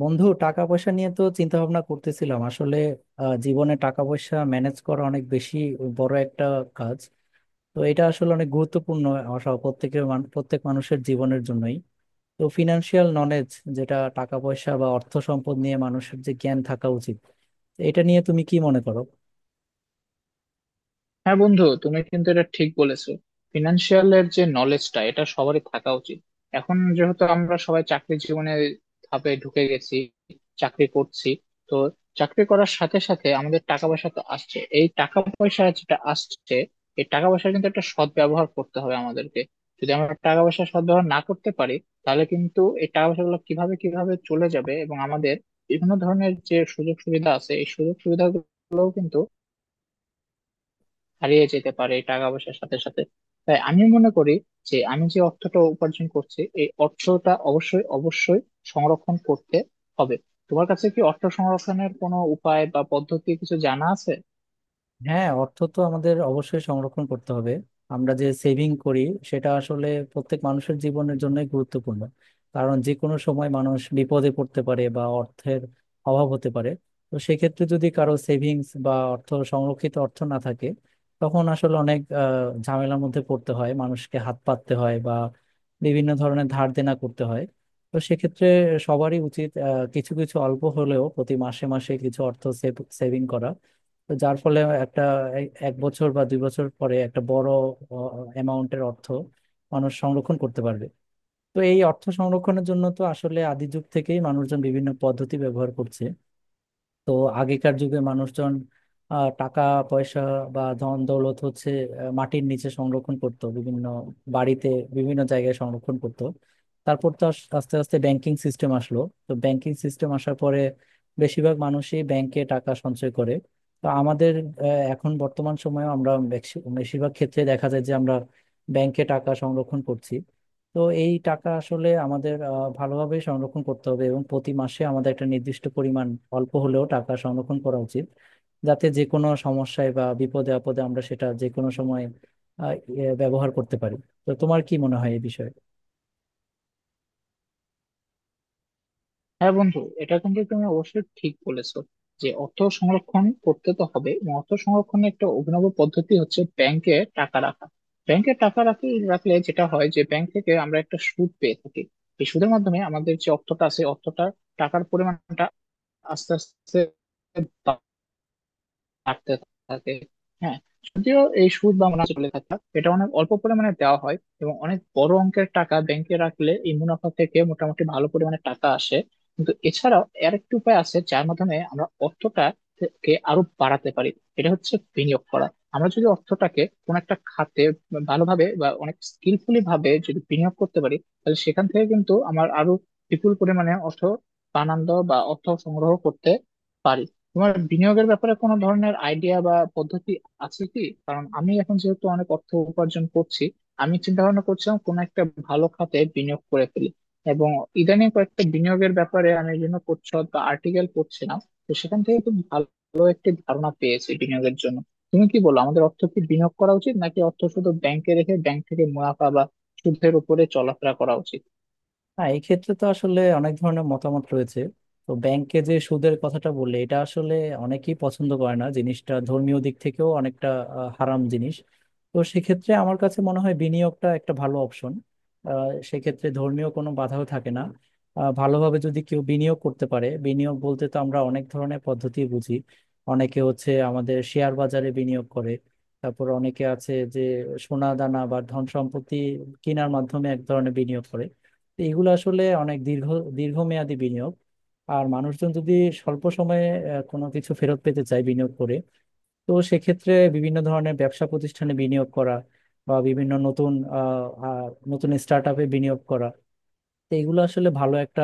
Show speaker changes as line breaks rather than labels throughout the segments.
বন্ধু, টাকা পয়সা নিয়ে তো চিন্তা ভাবনা করতেছিলাম আসলে। জীবনে টাকা পয়সা ম্যানেজ করা অনেক বেশি বড় একটা কাজ। তো এটা আসলে অনেক গুরুত্বপূর্ণ আসা প্রত্যেক মানুষের জীবনের জন্যই। তো ফিনান্সিয়াল নলেজ, যেটা টাকা পয়সা বা অর্থ সম্পদ নিয়ে মানুষের যে জ্ঞান থাকা উচিত, এটা নিয়ে তুমি কি মনে করো?
হ্যাঁ বন্ধু, তুমি কিন্তু এটা ঠিক বলেছো। ফিনান্সিয়াল এর যে নলেজটা, এটা সবারই থাকা উচিত। এখন যেহেতু আমরা সবাই চাকরি জীবনে ধাপে ঢুকে গেছি, চাকরি করছি, তো চাকরি করার সাথে সাথে আমাদের টাকা পয়সা তো আসছে। এই টাকা পয়সা যেটা আসছে, এই টাকা পয়সা কিন্তু একটা সৎ ব্যবহার করতে হবে আমাদেরকে। যদি আমরা টাকা পয়সা সৎ ব্যবহার না করতে পারি, তাহলে কিন্তু এই টাকা পয়সাগুলো কিভাবে কিভাবে চলে যাবে, এবং আমাদের বিভিন্ন ধরনের যে সুযোগ সুবিধা আছে, এই সুযোগ সুবিধাগুলোও কিন্তু হারিয়ে যেতে পারে এই টাকা পয়সার সাথে সাথে। তাই আমি মনে করি যে, আমি যে অর্থটা উপার্জন করছি, এই অর্থটা অবশ্যই অবশ্যই সংরক্ষণ করতে হবে। তোমার কাছে কি অর্থ সংরক্ষণের কোনো উপায় বা পদ্ধতি কিছু জানা আছে?
হ্যাঁ, অর্থ তো আমাদের অবশ্যই সংরক্ষণ করতে হবে। আমরা যে সেভিং করি সেটা আসলে প্রত্যেক মানুষের জীবনের জন্যই গুরুত্বপূর্ণ। কারণ যে কোনো সময় মানুষ বিপদে পড়তে পারে বা অর্থের অভাব হতে পারে। তো সেক্ষেত্রে যদি কারো সেভিংস বা অর্থ সংরক্ষিত অর্থ না থাকে, তখন আসলে অনেক ঝামেলার মধ্যে পড়তে হয়, মানুষকে হাত পাততে হয় বা বিভিন্ন ধরনের ধার দেনা করতে হয়। তো সেক্ষেত্রে সবারই উচিত কিছু কিছু অল্প হলেও প্রতি মাসে মাসে কিছু অর্থ সেভিং করা। তো যার ফলে একটা 1 বছর বা 2 বছর পরে একটা বড় অ্যামাউন্টের অর্থ মানুষ সংরক্ষণ করতে পারবে। তো এই অর্থ সংরক্ষণের জন্য তো আসলে আদি যুগ থেকেই মানুষজন বিভিন্ন পদ্ধতি ব্যবহার করছে। তো আগেকার যুগে মানুষজন টাকা পয়সা বা ধন দৌলত হচ্ছে মাটির নিচে সংরক্ষণ করত, বিভিন্ন বাড়িতে বিভিন্ন জায়গায় সংরক্ষণ করত। তারপর তো আস্তে আস্তে ব্যাংকিং সিস্টেম আসলো। তো ব্যাংকিং সিস্টেম আসার পরে বেশিরভাগ মানুষই ব্যাংকে টাকা সঞ্চয় করে। তো আমাদের আহ, এখন বর্তমান সময়ে আমরা বেশিরভাগ ক্ষেত্রে দেখা যায় যে আমরা ব্যাংকে টাকা সংরক্ষণ করছি। তো এই টাকা আসলে আমাদের ভালোভাবে সংরক্ষণ করতে হবে এবং প্রতি মাসে আমাদের একটা নির্দিষ্ট পরিমাণ অল্প হলেও টাকা সংরক্ষণ করা উচিত, যাতে যে কোনো সমস্যায় বা বিপদে আপদে আমরা সেটা যে কোনো সময় ব্যবহার করতে পারি। তো তোমার কি মনে হয় এই বিষয়ে?
হ্যাঁ বন্ধু, এটা কিন্তু তুমি অবশ্যই ঠিক বলেছো যে অর্থ সংরক্ষণ করতে তো হবে, এবং অর্থ সংরক্ষণের একটা অভিনব পদ্ধতি হচ্ছে ব্যাংকে টাকা রাখা। ব্যাংকে টাকা রাখলে যেটা হয় যে, ব্যাংক থেকে আমরা একটা সুদ পেয়ে থাকি। এই সুদের মাধ্যমে আমাদের যে অর্থটা আছে, অর্থটা, টাকার পরিমাণটা আস্তে আস্তে হাঁটতে থাকে। হ্যাঁ, যদিও এই সুদ বা মুনাফা চলে থাকা, এটা অনেক অল্প পরিমাণে দেওয়া হয়, এবং অনেক বড় অঙ্কের টাকা ব্যাংকে রাখলে এই মুনাফা থেকে মোটামুটি ভালো পরিমাণে টাকা আসে। কিন্তু এছাড়াও আর একটি উপায় আছে যার মাধ্যমে আমরা অর্থটা কে আরো বাড়াতে পারি। এটা হচ্ছে বিনিয়োগ করা। আমরা যদি অর্থটাকে কোন একটা খাতে ভালোভাবে বা অনেক স্কিলফুলি ভাবে যদি বিনিয়োগ করতে পারি, তাহলে সেখান থেকে কিন্তু আমার আরো বিপুল পরিমাণে অর্থ বানানো বা অর্থ সংগ্রহ করতে পারি। তোমার বিনিয়োগের ব্যাপারে কোনো ধরনের আইডিয়া বা পদ্ধতি আছে কি? কারণ আমি এখন যেহেতু অনেক অর্থ উপার্জন করছি, আমি চিন্তা ভাবনা করছিলাম কোনো একটা ভালো খাতে বিনিয়োগ করে ফেলি। এবং ইদানিং কয়েকটা বিনিয়োগের ব্যাপারে আমি বিভিন্ন প্রচ্ছদ বা আর্টিকেল পড়ছিলাম, তো সেখান থেকে খুব ভালো একটি ধারণা পেয়েছি বিনিয়োগের জন্য। তুমি কি বলো, আমাদের অর্থ কি বিনিয়োগ করা উচিত, নাকি অর্থ শুধু ব্যাংকে রেখে ব্যাংক থেকে মুনাফা বা সুদের উপরে চলাফেরা করা উচিত?
হ্যাঁ, এই ক্ষেত্রে তো আসলে অনেক ধরনের মতামত রয়েছে। তো ব্যাংকে যে সুদের কথাটা বললে এটা আসলে অনেকেই পছন্দ করে না, জিনিসটা ধর্মীয় দিক থেকেও অনেকটা হারাম জিনিস। তো সেক্ষেত্রে আমার কাছে মনে হয় বিনিয়োগটা একটা ভালো অপশন, সেক্ষেত্রে ধর্মীয় কোনো বাধাও থাকে না। ভালোভাবে যদি কেউ বিনিয়োগ করতে পারে, বিনিয়োগ বলতে তো আমরা অনেক ধরনের পদ্ধতি বুঝি। অনেকে হচ্ছে আমাদের শেয়ার বাজারে বিনিয়োগ করে, তারপর অনেকে আছে যে সোনা দানা বা ধন সম্পত্তি কেনার মাধ্যমে এক ধরনের বিনিয়োগ করে। তো এগুলো আসলে অনেক দীর্ঘমেয়াদী বিনিয়োগ। আর মানুষজন যদি স্বল্প সময়ে কোনো কিছু ফেরত পেতে চায় বিনিয়োগ করে, তো সেক্ষেত্রে বিভিন্ন ধরনের ব্যবসা প্রতিষ্ঠানে বিনিয়োগ করা বা বিভিন্ন নতুন আহ, আহ, নতুন স্টার্ট আপে বিনিয়োগ করা, তো এগুলো আসলে ভালো একটা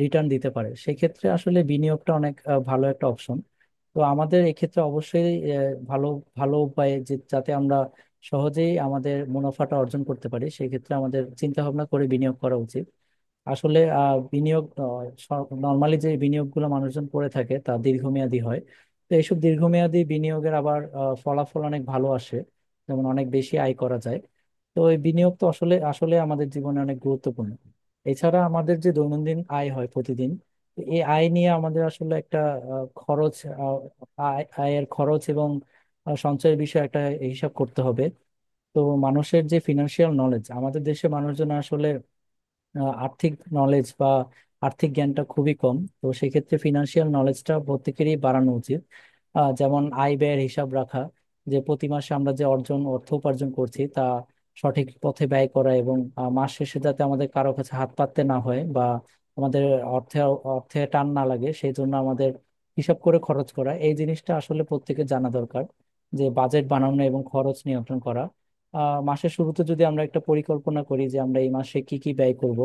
রিটার্ন দিতে পারে। সেক্ষেত্রে আসলে বিনিয়োগটা অনেক ভালো একটা অপশন। তো আমাদের এক্ষেত্রে অবশ্যই আহ, ভালো ভালো উপায়ে যে যাতে আমরা সহজেই আমাদের মুনাফাটা অর্জন করতে পারি, সেক্ষেত্রে আমাদের চিন্তা ভাবনা করে বিনিয়োগ করা উচিত। আসলে বিনিয়োগ নর্মালি যে বিনিয়োগগুলো মানুষজন করে থাকে তা দীর্ঘমেয়াদী হয়। তো এইসব দীর্ঘমেয়াদী বিনিয়োগের আবার ফলাফল অনেক ভালো আসে, যেমন অনেক বেশি আয় করা যায়। তো এই বিনিয়োগ তো আসলে আসলে আমাদের জীবনে অনেক গুরুত্বপূর্ণ। এছাড়া আমাদের যে দৈনন্দিন আয় হয় প্রতিদিন, তো এই আয় নিয়ে আমাদের আসলে একটা আহ, খরচ আহ, আয় আয়ের খরচ এবং সঞ্চয়ের বিষয়ে একটা হিসাব করতে হবে। তো মানুষের যে ফিনান্সিয়াল নলেজ, আমাদের দেশে মানুষজন আর্থিক নলেজ বা আর্থিক জ্ঞানটা খুবই কম। তো সেক্ষেত্রে ফিনান্সিয়াল নলেজটা প্রত্যেকেরই বাড়ানো উচিত। যেমন আয় ব্যয়ের হিসাব রাখা, যে প্রতি মাসে আমরা যে অর্থ উপার্জন করছি তা সঠিক পথে ব্যয় করা, এবং মাস শেষে যাতে আমাদের কারো কাছে হাত পাততে না হয় বা আমাদের অর্থে অর্থে টান না লাগে, সেই জন্য আমাদের হিসাব করে খরচ করা, এই জিনিসটা আসলে প্রত্যেকের জানা দরকার, যে বাজেট বানানো এবং খরচ নিয়ন্ত্রণ করা। মাসের শুরুতে যদি আমরা একটা পরিকল্পনা করি যে আমরা এই মাসে কি কি ব্যয় করব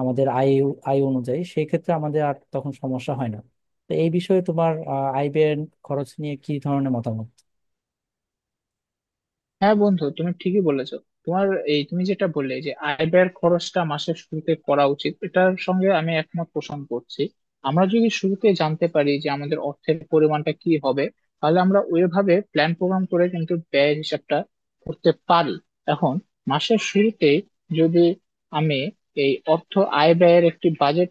আমাদের আয় আয় অনুযায়ী, সেই ক্ষেত্রে আমাদের আর তখন সমস্যা হয় না। তো এই বিষয়ে তোমার আয় ব্যয় খরচ নিয়ে কি ধরনের মতামত?
হ্যাঁ বন্ধু, তুমি ঠিকই বলেছো। তোমার এই তুমি যেটা বললে যে আয় ব্যয়ের খরচটা মাসের শুরুতে করা উচিত, এটার সঙ্গে আমি একমত পোষণ করছি। আমরা যদি শুরুতে জানতে পারি যে আমাদের অর্থের পরিমাণটা কি হবে, তাহলে আমরা ওইভাবে প্ল্যান প্রোগ্রাম করে কিন্তু ব্যয়ের হিসাবটা করতে পারি। এখন মাসের শুরুতে যদি আমি এই অর্থ আয় ব্যয়ের একটি বাজেট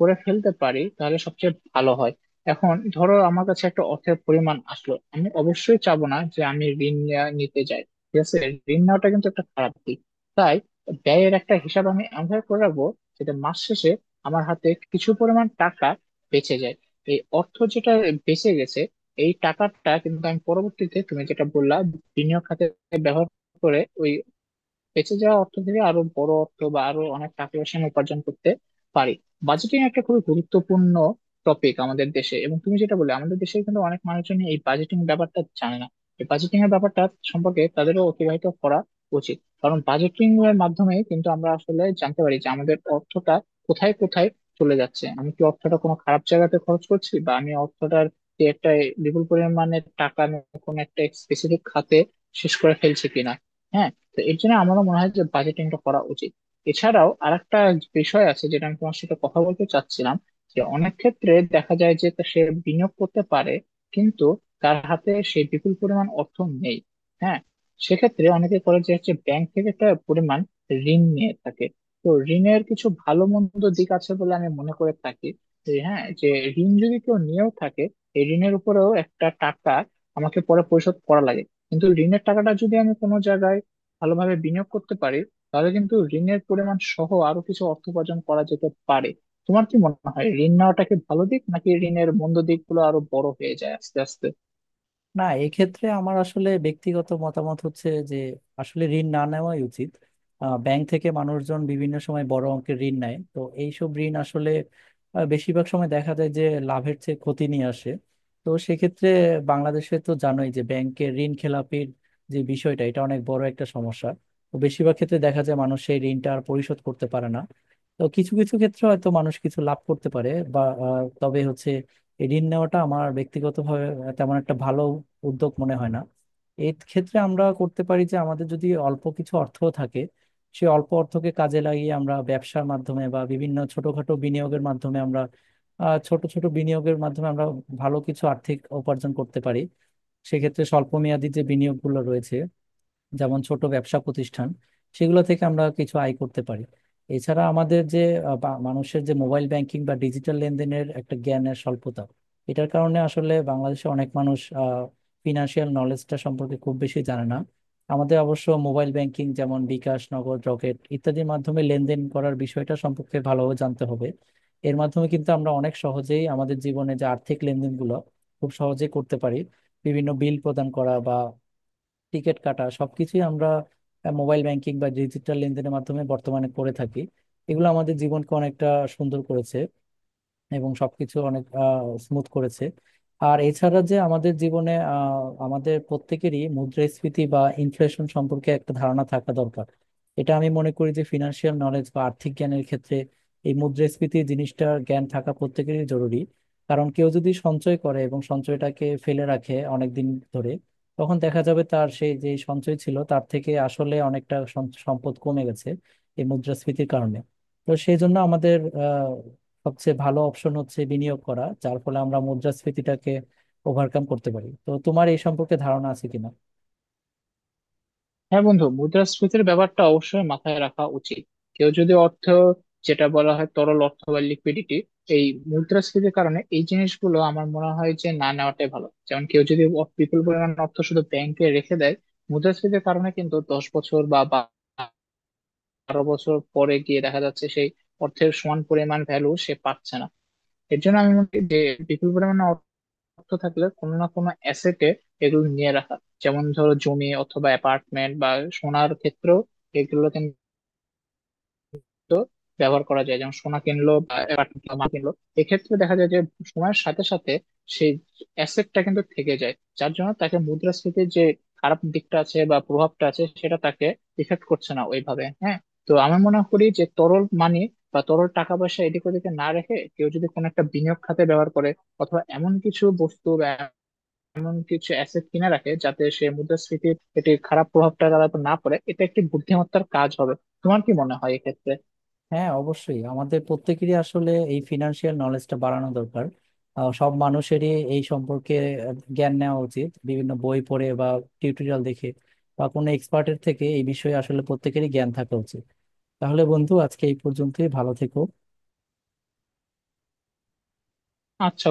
করে ফেলতে পারি, তাহলে সবচেয়ে ভালো হয়। এখন ধরো আমার কাছে একটা অর্থের পরিমাণ আসলো, আমি অবশ্যই চাবো না যে আমি নিতে যাই। ঠিক আছে, ঋণ নেওয়াটা কিন্তু একটা খারাপ দিক। তাই ব্যয়ের একটা হিসাব আমি এমনভাবে করে রাখবো যেটা মাস শেষে আমার হাতে কিছু পরিমাণ টাকা বেঁচে যায়। এই অর্থ যেটা বেঁচে গেছে, এই টাকাটা কিন্তু আমি পরবর্তীতে, তুমি যেটা বললা, বিনিয়োগ খাতে ব্যবহার করে ওই বেঁচে যাওয়া অর্থ থেকে আরো বড় অর্থ বা আরো অনেক টাকা পয়সা আমি উপার্জন করতে পারি। বাজেটিং একটা খুবই গুরুত্বপূর্ণ টপিক আমাদের দেশে, এবং তুমি যেটা বলে, আমাদের দেশে কিন্তু অনেক মানুষজন এই বাজেটিং ব্যাপারটা জানে না। এই বাজেটিং এর ব্যাপারটা সম্পর্কে তাদেরও অতিবাহিত করা উচিত, কারণ বাজেটিং এর মাধ্যমে কিন্তু আমরা আসলে জানতে পারি যে আমাদের অর্থটা কোথায় কোথায় চলে যাচ্ছে, আমি কি অর্থটা কোনো খারাপ জায়গাতে খরচ করছি, বা আমি অর্থটার যে একটা বিপুল পরিমাণে টাকা আমি কোনো একটা স্পেসিফিক খাতে শেষ করে ফেলছি কিনা। হ্যাঁ, তো এর জন্য আমারও মনে হয় যে বাজেটিংটা করা উচিত। এছাড়াও আরেকটা বিষয় আছে যেটা আমি তোমার সাথে কথা বলতে চাচ্ছিলাম, যে অনেক ক্ষেত্রে দেখা যায় যে তা সে বিনিয়োগ করতে পারে, কিন্তু তার হাতে সেই বিপুল পরিমাণ অর্থ নেই। হ্যাঁ, সেক্ষেত্রে অনেকে করে যে হচ্ছে ব্যাংক থেকে একটা পরিমাণ ঋণ নিয়ে থাকে। তো ঋণের কিছু ভালো মন্দ দিক আছে বলে আমি মনে করে থাকি। যে হ্যাঁ, যে ঋণ যদি কেউ নিয়েও থাকে, এই ঋণের উপরেও একটা টাকা আমাকে পরে পরিশোধ করা লাগে। কিন্তু ঋণের টাকাটা যদি আমি কোনো জায়গায় ভালোভাবে বিনিয়োগ করতে পারি, তাহলে কিন্তু ঋণের পরিমাণ সহ আরো কিছু অর্থ উপার্জন করা যেতে পারে। তোমার কি মনে হয়, ঋণ নেওয়াটা কি ভালো দিক, নাকি ঋণের মন্দ দিকগুলো আরো বড় হয়ে যায় আস্তে আস্তে?
না, এক্ষেত্রে আমার আসলে ব্যক্তিগত মতামত হচ্ছে যে আসলে ঋণ না নেওয়াই উচিত। ব্যাংক থেকে মানুষজন বিভিন্ন সময় বড় অঙ্কের ঋণ নেয়, তো এইসব ঋণ আসলে বেশিরভাগ সময় দেখা যায় যে লাভের চেয়ে ক্ষতি নিয়ে আসে। তো সেক্ষেত্রে বাংলাদেশে তো জানোই যে ব্যাংকের ঋণ খেলাপির যে বিষয়টা, এটা অনেক বড় একটা সমস্যা। তো বেশিরভাগ ক্ষেত্রে দেখা যায় মানুষ সেই ঋণটা আর পরিশোধ করতে পারে না। তো কিছু কিছু ক্ষেত্রে হয়তো মানুষ কিছু লাভ করতে পারে, বা তবে হচ্ছে এই ঋণ নেওয়াটা আমার ব্যক্তিগতভাবে তেমন একটা ভালো উদ্যোগ মনে হয় না। এই ক্ষেত্রে আমরা করতে পারি যে আমাদের যদি অল্প কিছু অর্থ থাকে, সেই অল্প অর্থকে কাজে লাগিয়ে আমরা ব্যবসার মাধ্যমে বা বিভিন্ন ছোটখাটো বিনিয়োগের মাধ্যমে আমরা ছোট ছোট বিনিয়োগের মাধ্যমে আমরা ভালো কিছু আর্থিক উপার্জন করতে পারি। সেক্ষেত্রে স্বল্প মেয়াদী যে বিনিয়োগগুলো রয়েছে, যেমন ছোট ব্যবসা প্রতিষ্ঠান, সেগুলো থেকে আমরা কিছু আয় করতে পারি। এছাড়া আমাদের যে মানুষের যে মোবাইল ব্যাংকিং বা ডিজিটাল লেনদেনের একটা জ্ঞানের স্বল্পতা, এটার কারণে আসলে বাংলাদেশে অনেক মানুষ ফিনান্সিয়াল নলেজটা সম্পর্কে খুব বেশি জানে না। আমাদের অবশ্য মোবাইল ব্যাংকিং যেমন বিকাশ, নগদ, রকেট ইত্যাদির মাধ্যমে লেনদেন করার বিষয়টা সম্পর্কে ভালোভাবে জানতে হবে। এর মাধ্যমে কিন্তু আমরা অনেক সহজেই আমাদের জীবনে যে আর্থিক লেনদেনগুলো খুব সহজেই করতে পারি। বিভিন্ন বিল প্রদান করা বা টিকিট কাটা সবকিছুই আমরা মোবাইল ব্যাংকিং বা ডিজিটাল লেনদেনের মাধ্যমে বর্তমানে করে থাকি। এগুলো আমাদের জীবনকে অনেকটা সুন্দর করেছে এবং সবকিছু অনেক স্মুথ করেছে। আর এছাড়া যে আমাদের জীবনে আমাদের প্রত্যেকেরই মুদ্রাস্ফীতি বা ইনফ্লেশন সম্পর্কে একটা ধারণা থাকা দরকার। এটা আমি মনে করি যে ফিনান্সিয়াল নলেজ বা আর্থিক জ্ঞানের ক্ষেত্রে এই মুদ্রাস্ফীতি জিনিসটার জ্ঞান থাকা প্রত্যেকেরই জরুরি। কারণ কেউ যদি সঞ্চয় করে এবং সঞ্চয়টাকে ফেলে রাখে অনেক দিন ধরে, তখন দেখা যাবে তার সেই যে সঞ্চয় ছিল তার থেকে আসলে অনেকটা সম্পদ কমে গেছে এই মুদ্রাস্ফীতির কারণে। তো সেই জন্য আমাদের আহ সবচেয়ে ভালো অপশন হচ্ছে বিনিয়োগ করা, যার ফলে আমরা মুদ্রাস্ফীতিটাকে ওভারকাম করতে পারি। তো তোমার এই সম্পর্কে ধারণা আছে কিনা?
হ্যাঁ বন্ধু, মুদ্রাস্ফীতির ব্যাপারটা অবশ্যই মাথায় রাখা উচিত। কেউ যদি অর্থ, যেটা বলা হয় তরল অর্থ বা লিকুইডিটি, এই মুদ্রাস্ফীতির কারণে এই জিনিসগুলো আমার মনে হয় যে না নেওয়াটাই ভালো। যেমন কেউ যদি বিপুল পরিমাণ অর্থ শুধু ব্যাংকে রেখে দেয়, মুদ্রাস্ফীতির কারণে কিন্তু 10 বছর বা বা- 12 বছর পরে গিয়ে দেখা যাচ্ছে সেই অর্থের সমান পরিমাণ ভ্যালু সে পাচ্ছে না। এর জন্য আমি মনে করি যে বিপুল পরিমাণে অর্থ থাকলে কোনো না কোনো অ্যাসেটে এগুলো নিয়ে রাখা, যেমন ধরো জমি অথবা অ্যাপার্টমেন্ট বা সোনার ক্ষেত্রেও এগুলো কিন্তু ব্যবহার করা যায়। যেমন সোনা কিনলো বা apartment কিনলো, মাল কিনলো, এক্ষেত্রে দেখা যায় যে সময়ের সাথে সাথে সেই অ্যাসেটটা কিন্তু থেকে যায়, যার জন্য তাকে মুদ্রাস্ফীতির যে খারাপ দিকটা আছে বা প্রভাবটা আছে, সেটা তাকে ইফেক্ট করছে না ওইভাবে। হ্যাঁ, তো আমি মনে করি যে তরল মানি বা তরল টাকা পয়সা এদিক ওদিকে না রেখে কেউ যদি কোনো একটা বিনিয়োগ খাতে ব্যবহার করে, অথবা এমন কিছু বস্তু বা এমন কিছু অ্যাসেট কিনে রাখে যাতে সে মুদ্রাস্ফীতির এটি খারাপ প্রভাবটা তার উপর না পড়ে, এটা একটি বুদ্ধিমত্তার কাজ হবে। তোমার কি মনে হয় এক্ষেত্রে?
হ্যাঁ, অবশ্যই আমাদের প্রত্যেকেরই আসলে এই ফিনান্সিয়াল নলেজটা বাড়ানো দরকার। সব মানুষেরই এই সম্পর্কে জ্ঞান নেওয়া উচিত, বিভিন্ন বই পড়ে বা টিউটোরিয়াল দেখে বা কোনো এক্সপার্টের থেকে। এই বিষয়ে আসলে প্রত্যেকেরই জ্ঞান থাকা উচিত। তাহলে বন্ধু, আজকে এই পর্যন্তই, ভালো থেকো।
আচ্ছা।